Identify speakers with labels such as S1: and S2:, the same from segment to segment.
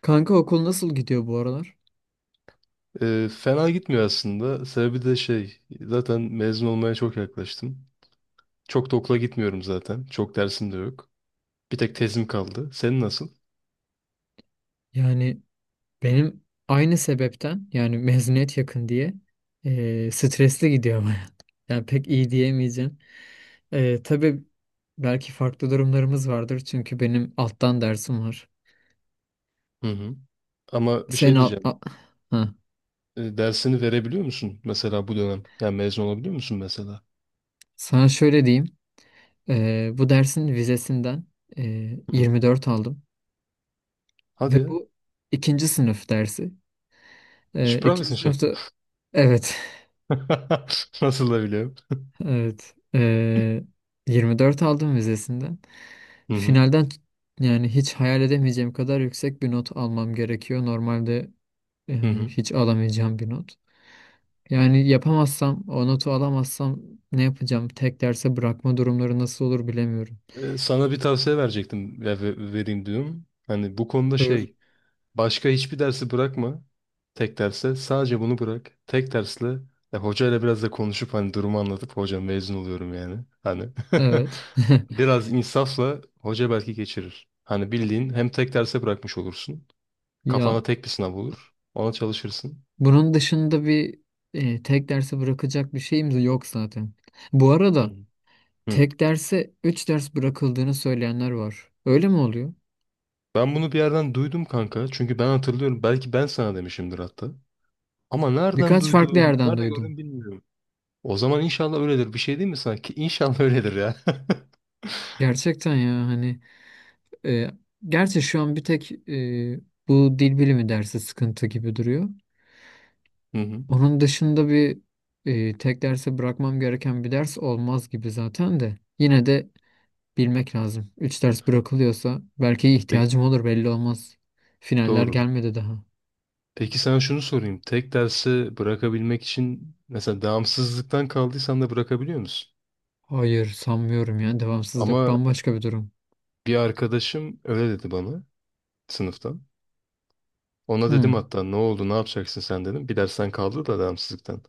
S1: Kanka okul nasıl gidiyor bu aralar?
S2: Fena gitmiyor aslında. Sebebi de şey, zaten mezun olmaya çok yaklaştım. Çok da okula gitmiyorum zaten. Çok dersim de yok. Bir tek tezim kaldı. Senin nasıl?
S1: Yani Benim aynı sebepten yani mezuniyet yakın diye stresli gidiyor baya. Yani pek iyi diyemeyeceğim. Tabii belki farklı durumlarımız vardır çünkü benim alttan dersim var.
S2: Hı hı. Ama bir
S1: Sen
S2: şey
S1: al,
S2: diyeceğim.
S1: ha.
S2: Dersini verebiliyor musun mesela bu dönem? Yani mezun olabiliyor musun mesela?
S1: Sana şöyle diyeyim. Bu dersin vizesinden e,
S2: Hı.
S1: 24 aldım. Ve
S2: Hadi ya.
S1: bu ikinci sınıf dersi. İkinci
S2: Sprachwissenschaft.
S1: sınıfta evet.
S2: Nasıl da biliyorum.
S1: Evet. 24 aldım vizesinden.
S2: Hı hı.
S1: Finalden yani hiç hayal edemeyeceğim kadar yüksek bir not almam gerekiyor. Normalde
S2: Hı hı.
S1: hiç alamayacağım bir not. Yani yapamazsam, o notu alamazsam ne yapacağım? Tek derse bırakma durumları nasıl olur bilemiyorum.
S2: Sana bir tavsiye verecektim. Vereyim diyorum. Hani bu konuda
S1: Buyur.
S2: şey, başka hiçbir dersi bırakma. Tek derse sadece bunu bırak. Tek dersle ya hocayla biraz da konuşup hani durumu anlatıp hocam mezun oluyorum yani. Hani
S1: Evet.
S2: biraz insafla hoca belki geçirir. Hani bildiğin hem tek derse bırakmış olursun.
S1: Ya
S2: Kafana tek bir sınav olur. Ona çalışırsın.
S1: bunun dışında tek derse bırakacak bir şeyimiz yok zaten. Bu
S2: Hı
S1: arada
S2: hı. Hı.
S1: tek derse 3 ders bırakıldığını söyleyenler var. Öyle mi oluyor?
S2: Ben bunu bir yerden duydum kanka. Çünkü ben hatırlıyorum. Belki ben sana demişimdir hatta. Ama nereden
S1: Birkaç farklı
S2: duyduğum,
S1: yerden
S2: nerede
S1: duydum.
S2: gördüm bilmiyorum. O zaman inşallah öyledir. Bir şey değil mi sanki? İnşallah öyledir ya.
S1: Gerçekten ya hani e, gerçi şu an bir tek bu dil bilimi dersi sıkıntı gibi duruyor.
S2: Hı hı.
S1: Onun dışında bir tek derse bırakmam gereken bir ders olmaz gibi zaten de. Yine de bilmek lazım. 3 ders bırakılıyorsa belki ihtiyacım olur belli olmaz. Finaller
S2: Doğru.
S1: gelmedi daha.
S2: Peki sana şunu sorayım. Tek dersi bırakabilmek için mesela devamsızlıktan kaldıysan da bırakabiliyor musun?
S1: Hayır sanmıyorum ya. Devamsızlık
S2: Ama
S1: bambaşka bir durum.
S2: bir arkadaşım öyle dedi bana sınıftan. Ona dedim
S1: Hmm,
S2: hatta ne oldu ne yapacaksın sen dedim. Bir dersten kaldı da devamsızlıktan.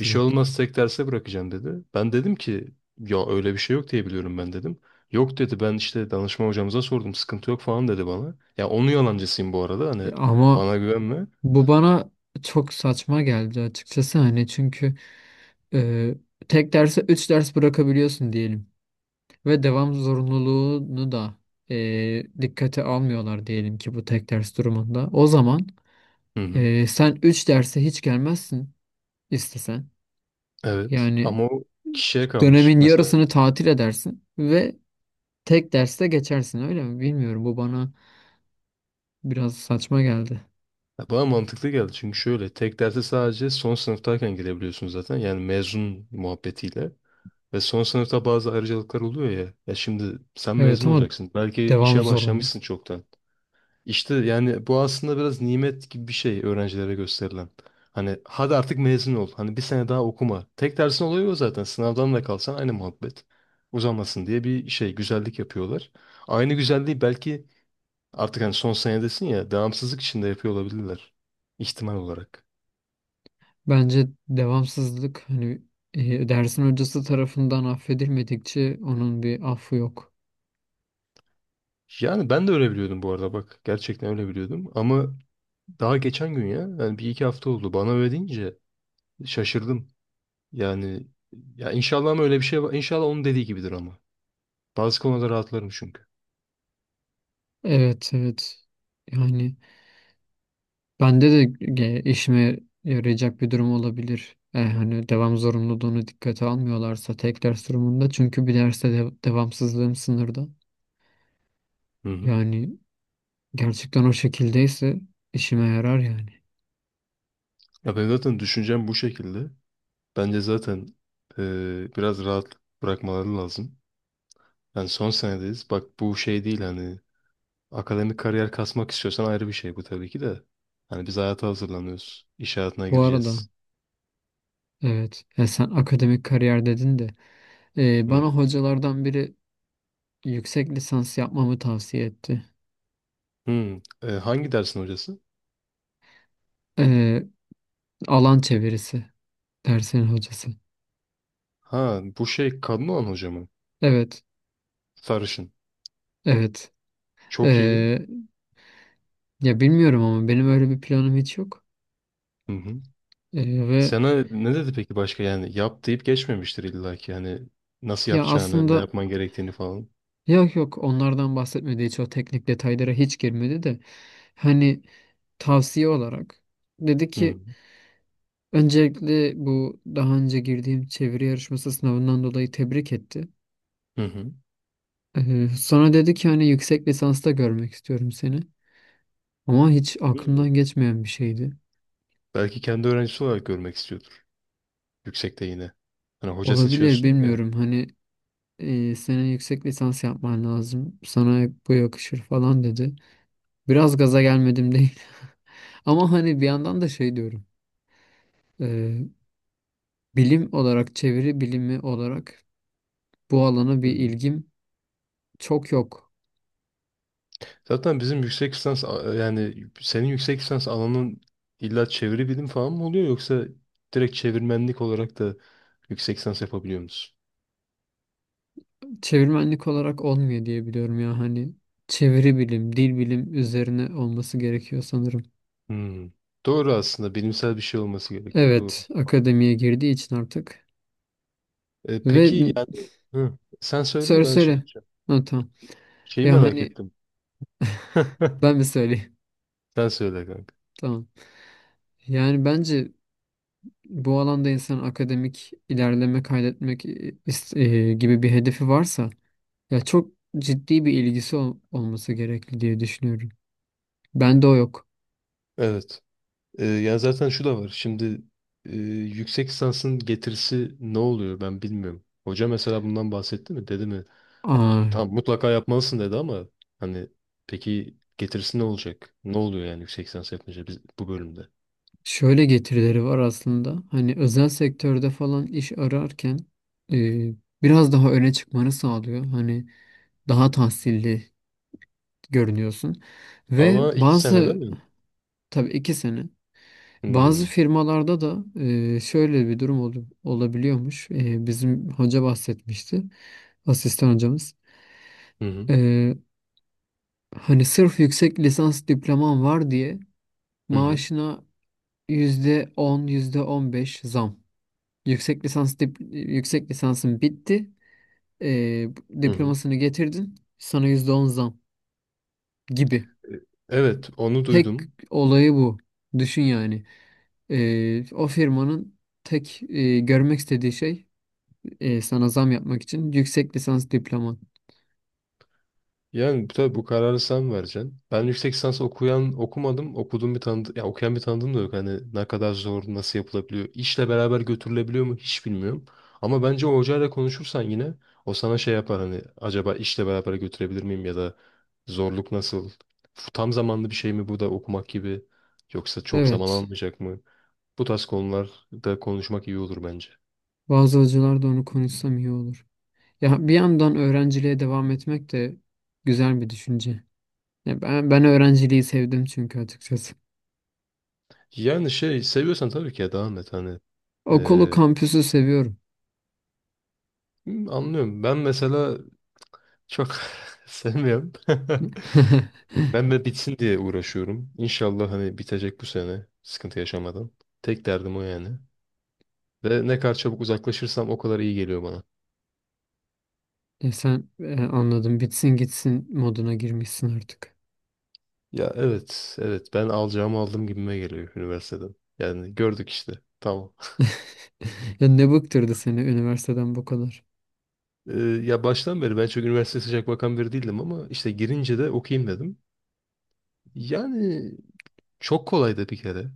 S2: Bir şey olmaz tek derse bırakacağım dedi. Ben dedim ki ya öyle bir şey yok diye biliyorum ben dedim. Yok dedi ben işte danışma hocamıza sordum sıkıntı yok falan dedi bana. Ya onun yalancısıyım bu arada, hani
S1: Ya ama
S2: bana güvenme.
S1: bu bana çok saçma geldi açıkçası hani çünkü e, tek derse 3 ders bırakabiliyorsun diyelim. Ve devam zorunluluğunu da dikkate almıyorlar diyelim ki bu tek ders durumunda. O zaman
S2: Hı hı.
S1: sen 3 derse hiç gelmezsin istesen.
S2: Evet
S1: Yani
S2: ama o kişiye kalmış.
S1: dönemin
S2: Mesela
S1: yarısını tatil edersin ve tek derste geçersin öyle mi? Bilmiyorum, bu bana biraz saçma geldi.
S2: ya bana mantıklı geldi çünkü şöyle, tek derse sadece son sınıftayken girebiliyorsun zaten, yani mezun muhabbetiyle ve son sınıfta bazı ayrıcalıklar oluyor ya, ya şimdi sen
S1: Evet
S2: mezun
S1: ama
S2: olacaksın belki
S1: devam
S2: işe
S1: zorunlu.
S2: başlamışsın çoktan, işte yani bu aslında biraz nimet gibi bir şey öğrencilere gösterilen. Hani hadi artık mezun ol, hani bir sene daha okuma, tek dersin oluyor zaten, sınavdan da kalsan aynı muhabbet uzamasın diye bir şey, güzellik yapıyorlar. Aynı güzelliği belki artık hani son senedesin ya devamsızlık içinde yapıyor olabilirler. İhtimal olarak.
S1: Bence devamsızlık hani dersin hocası tarafından affedilmedikçe onun bir affı yok.
S2: Yani ben de öyle biliyordum bu arada bak. Gerçekten öyle biliyordum. Ama daha geçen gün, ya yani bir iki hafta oldu, bana öyle deyince şaşırdım. Yani ya inşallah, ama öyle bir şey var. İnşallah onun dediği gibidir ama. Bazı konuda rahatlarım çünkü.
S1: Evet, evet. Yani bende de işime yarayacak bir durum olabilir. E, hani devam zorunluluğunu dikkate almıyorlarsa tek ders durumunda çünkü bir derste de devamsızlığım sınırda.
S2: Hı hı.
S1: Yani gerçekten o şekildeyse işime yarar yani.
S2: Ya ben zaten düşüncem bu şekilde. Bence zaten biraz rahat bırakmaları lazım. Yani son senedeyiz. Bak bu şey değil hani, akademik kariyer kasmak istiyorsan ayrı bir şey bu tabii ki de. Hani biz hayata hazırlanıyoruz. İş hayatına
S1: Bu arada
S2: gireceğiz.
S1: evet, sen akademik kariyer dedin de
S2: Hı.
S1: bana hocalardan biri yüksek lisans yapmamı tavsiye etti.
S2: Hı. E, hangi dersin hocası?
S1: E, Alan çevirisi dersin hocası.
S2: Ha bu şey kadın olan hoca mı?
S1: Evet,
S2: Sarışın.
S1: evet.
S2: Çok iyi.
S1: E, Ya bilmiyorum ama benim öyle bir planım hiç yok.
S2: Hı hı.
S1: E, ve
S2: Sana ne dedi peki başka, yani yap deyip geçmemiştir illa ki hani nasıl
S1: Ya
S2: yapacağını, ne
S1: aslında
S2: yapman gerektiğini falan.
S1: yok, yok, onlardan bahsetmedi hiç, o teknik detaylara hiç girmedi de hani tavsiye olarak dedi
S2: Hı.
S1: ki öncelikle bu daha önce girdiğim çeviri yarışması sınavından dolayı tebrik etti.
S2: Hı hı.
S1: Sonra dedi ki hani yüksek lisansta görmek istiyorum seni. Ama hiç
S2: Hı.
S1: aklımdan geçmeyen bir şeydi.
S2: Belki kendi öğrencisi olarak görmek istiyordur yüksekte yine. Hani hoca
S1: Olabilir,
S2: seçiyorsun ya.
S1: bilmiyorum hani senin yüksek lisans yapman lazım. Sana bu yakışır falan dedi. Biraz gaza gelmedim değil. Ama hani bir yandan da şey diyorum. Ee, Bilim olarak, çeviri bilimi olarak bu alana bir
S2: Hı.
S1: ilgim çok yok.
S2: Zaten bizim yüksek lisans yani senin yüksek lisans alanın illa çeviri bilim falan mı oluyor, yoksa direkt çevirmenlik olarak da yüksek lisans yapabiliyor musun?
S1: Çevirmenlik olarak olmuyor diye biliyorum ya hani çeviri bilim, dil bilim üzerine olması gerekiyor sanırım.
S2: Hmm. Doğru aslında, bilimsel bir şey olması gerekiyor. Doğru.
S1: Evet, akademiye
S2: Mantıklı.
S1: girdiği için artık.
S2: E,
S1: Ve
S2: peki yani hı, sen söyle ben şey
S1: söyle.
S2: yapacağım.
S1: Ha, tamam.
S2: Şeyi
S1: Ya
S2: merak
S1: hani
S2: ettim.
S1: ben mi söyleyeyim?
S2: Sen söyle kanka.
S1: Tamam. Yani bence bu alanda insan akademik ilerleme kaydetmek gibi bir hedefi varsa ya çok ciddi bir ilgisi olması gerekli diye düşünüyorum. Bende o yok.
S2: Evet. Yani zaten şu da var. Şimdi e, yüksek lisansın getirisi ne oluyor ben bilmiyorum. Hoca mesela bundan bahsetti mi? Dedi mi?
S1: Aa,
S2: Tamam mutlaka yapmalısın dedi ama hani peki getirisi ne olacak? Ne oluyor yani yüksek lisans yapınca biz, bu bölümde?
S1: şöyle getirileri var aslında. Hani özel sektörde falan iş ararken e, biraz daha öne çıkmanı sağlıyor. Hani daha tahsilli görünüyorsun. Ve
S2: Ama iki sene değil
S1: bazı,
S2: mi?
S1: tabii iki sene, bazı
S2: Hmm.
S1: firmalarda da şöyle bir durum olabiliyormuş. E, bizim hoca bahsetmişti. Asistan hocamız.
S2: Hı hı.
S1: E, Hani sırf yüksek lisans diploman var diye
S2: Hı hı.
S1: maaşına %10, yüzde on beş zam. Yüksek lisansın bitti. Ee,
S2: Hı hı.
S1: Diplomasını getirdin. Sana %10 zam gibi.
S2: Evet, onu
S1: Tek
S2: duydum.
S1: olayı bu. Düşün yani. O firmanın tek görmek istediği şey sana zam yapmak için yüksek lisans diploman.
S2: Yani tabii bu kararı sen vereceksin. Ben yüksek lisans okuyan okumadım. Okuduğum bir tanıdığım, ya okuyan bir tanıdığım da yok. Hani ne kadar zor, nasıl yapılabiliyor? İşle beraber götürülebiliyor mu hiç bilmiyorum. Ama bence o hocayla konuşursan yine o sana şey yapar, hani acaba işle beraber götürebilir miyim, ya da zorluk nasıl? Tam zamanlı bir şey mi bu da, okumak gibi, yoksa çok zaman
S1: Evet.
S2: almayacak mı? Bu tarz konularda konuşmak iyi olur bence.
S1: Bazı hocalar da onu konuşsam iyi olur. Ya bir yandan öğrenciliğe devam etmek de güzel bir düşünce. Ya ben, ben öğrenciliği sevdim çünkü açıkçası.
S2: Yani şey seviyorsan tabii ki ya devam et hani.
S1: Okulu,
S2: Ee,
S1: kampüsü seviyorum.
S2: Anlıyorum. Ben mesela çok sevmiyorum. Ben de bitsin diye uğraşıyorum. İnşallah hani bitecek bu sene sıkıntı yaşamadan. Tek derdim o yani. Ve ne kadar çabuk uzaklaşırsam o kadar iyi geliyor bana.
S1: Ya sen anladım, bitsin gitsin moduna girmişsin artık.
S2: Ya evet, evet, ben alacağımı aldım gibime geliyor üniversiteden. Yani gördük işte. Tamam.
S1: Ya ne bıktırdı seni üniversiteden bu kadar?
S2: Ee, Ya baştan beri ben çok üniversiteye sıcak bakan biri değildim, ama işte girince de okuyayım dedim. Yani çok kolaydı bir kere.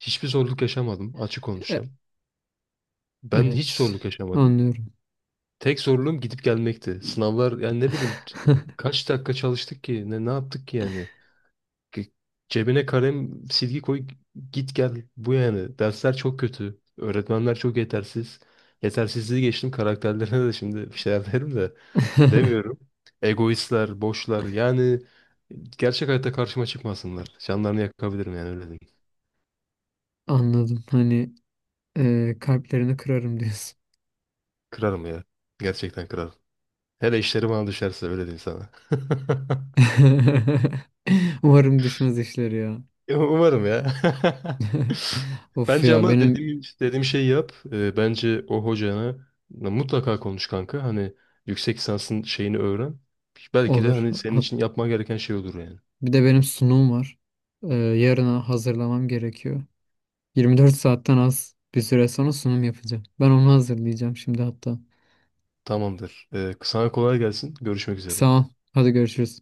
S2: Hiçbir zorluk yaşamadım, açık
S1: E,
S2: konuşacağım. Ben hiç
S1: evet,
S2: zorluk yaşamadım.
S1: anlıyorum.
S2: Tek zorluğum gidip gelmekti. Sınavlar yani ne bileyim kaç dakika çalıştık ki, ne yaptık ki yani. Ki- Cebine kalem silgi koy git gel bu yani. Dersler çok kötü. Öğretmenler çok yetersiz. Yetersizliği geçtim karakterlerine de, şimdi bir şeyler derim de demiyorum. Egoistler, boşlar yani, gerçek hayatta karşıma çıkmasınlar. Canlarını yakabilirim yani, öyle diyeyim.
S1: Anladım. Hani kalplerini kırarım diyorsun.
S2: Kırarım ya. Gerçekten kırarım. Hele işleri bana düşerse öyle diyeyim sana.
S1: Umarım düşmez işleri ya.
S2: Umarım ya.
S1: Of
S2: Bence
S1: ya,
S2: ama
S1: benim
S2: dediğim, dediğim şeyi yap. Bence o hocana mutlaka konuş kanka. Hani yüksek lisansın şeyini öğren. Belki de
S1: olur.
S2: hani senin için yapman gereken şey olur yani.
S1: Bir de benim sunum var. Yarına hazırlamam gerekiyor. 24 saatten az bir süre sonra sunum yapacağım. Ben onu hazırlayacağım şimdi hatta.
S2: Tamamdır. Sana kolay gelsin. Görüşmek üzere.
S1: Sağ ol. Hadi görüşürüz.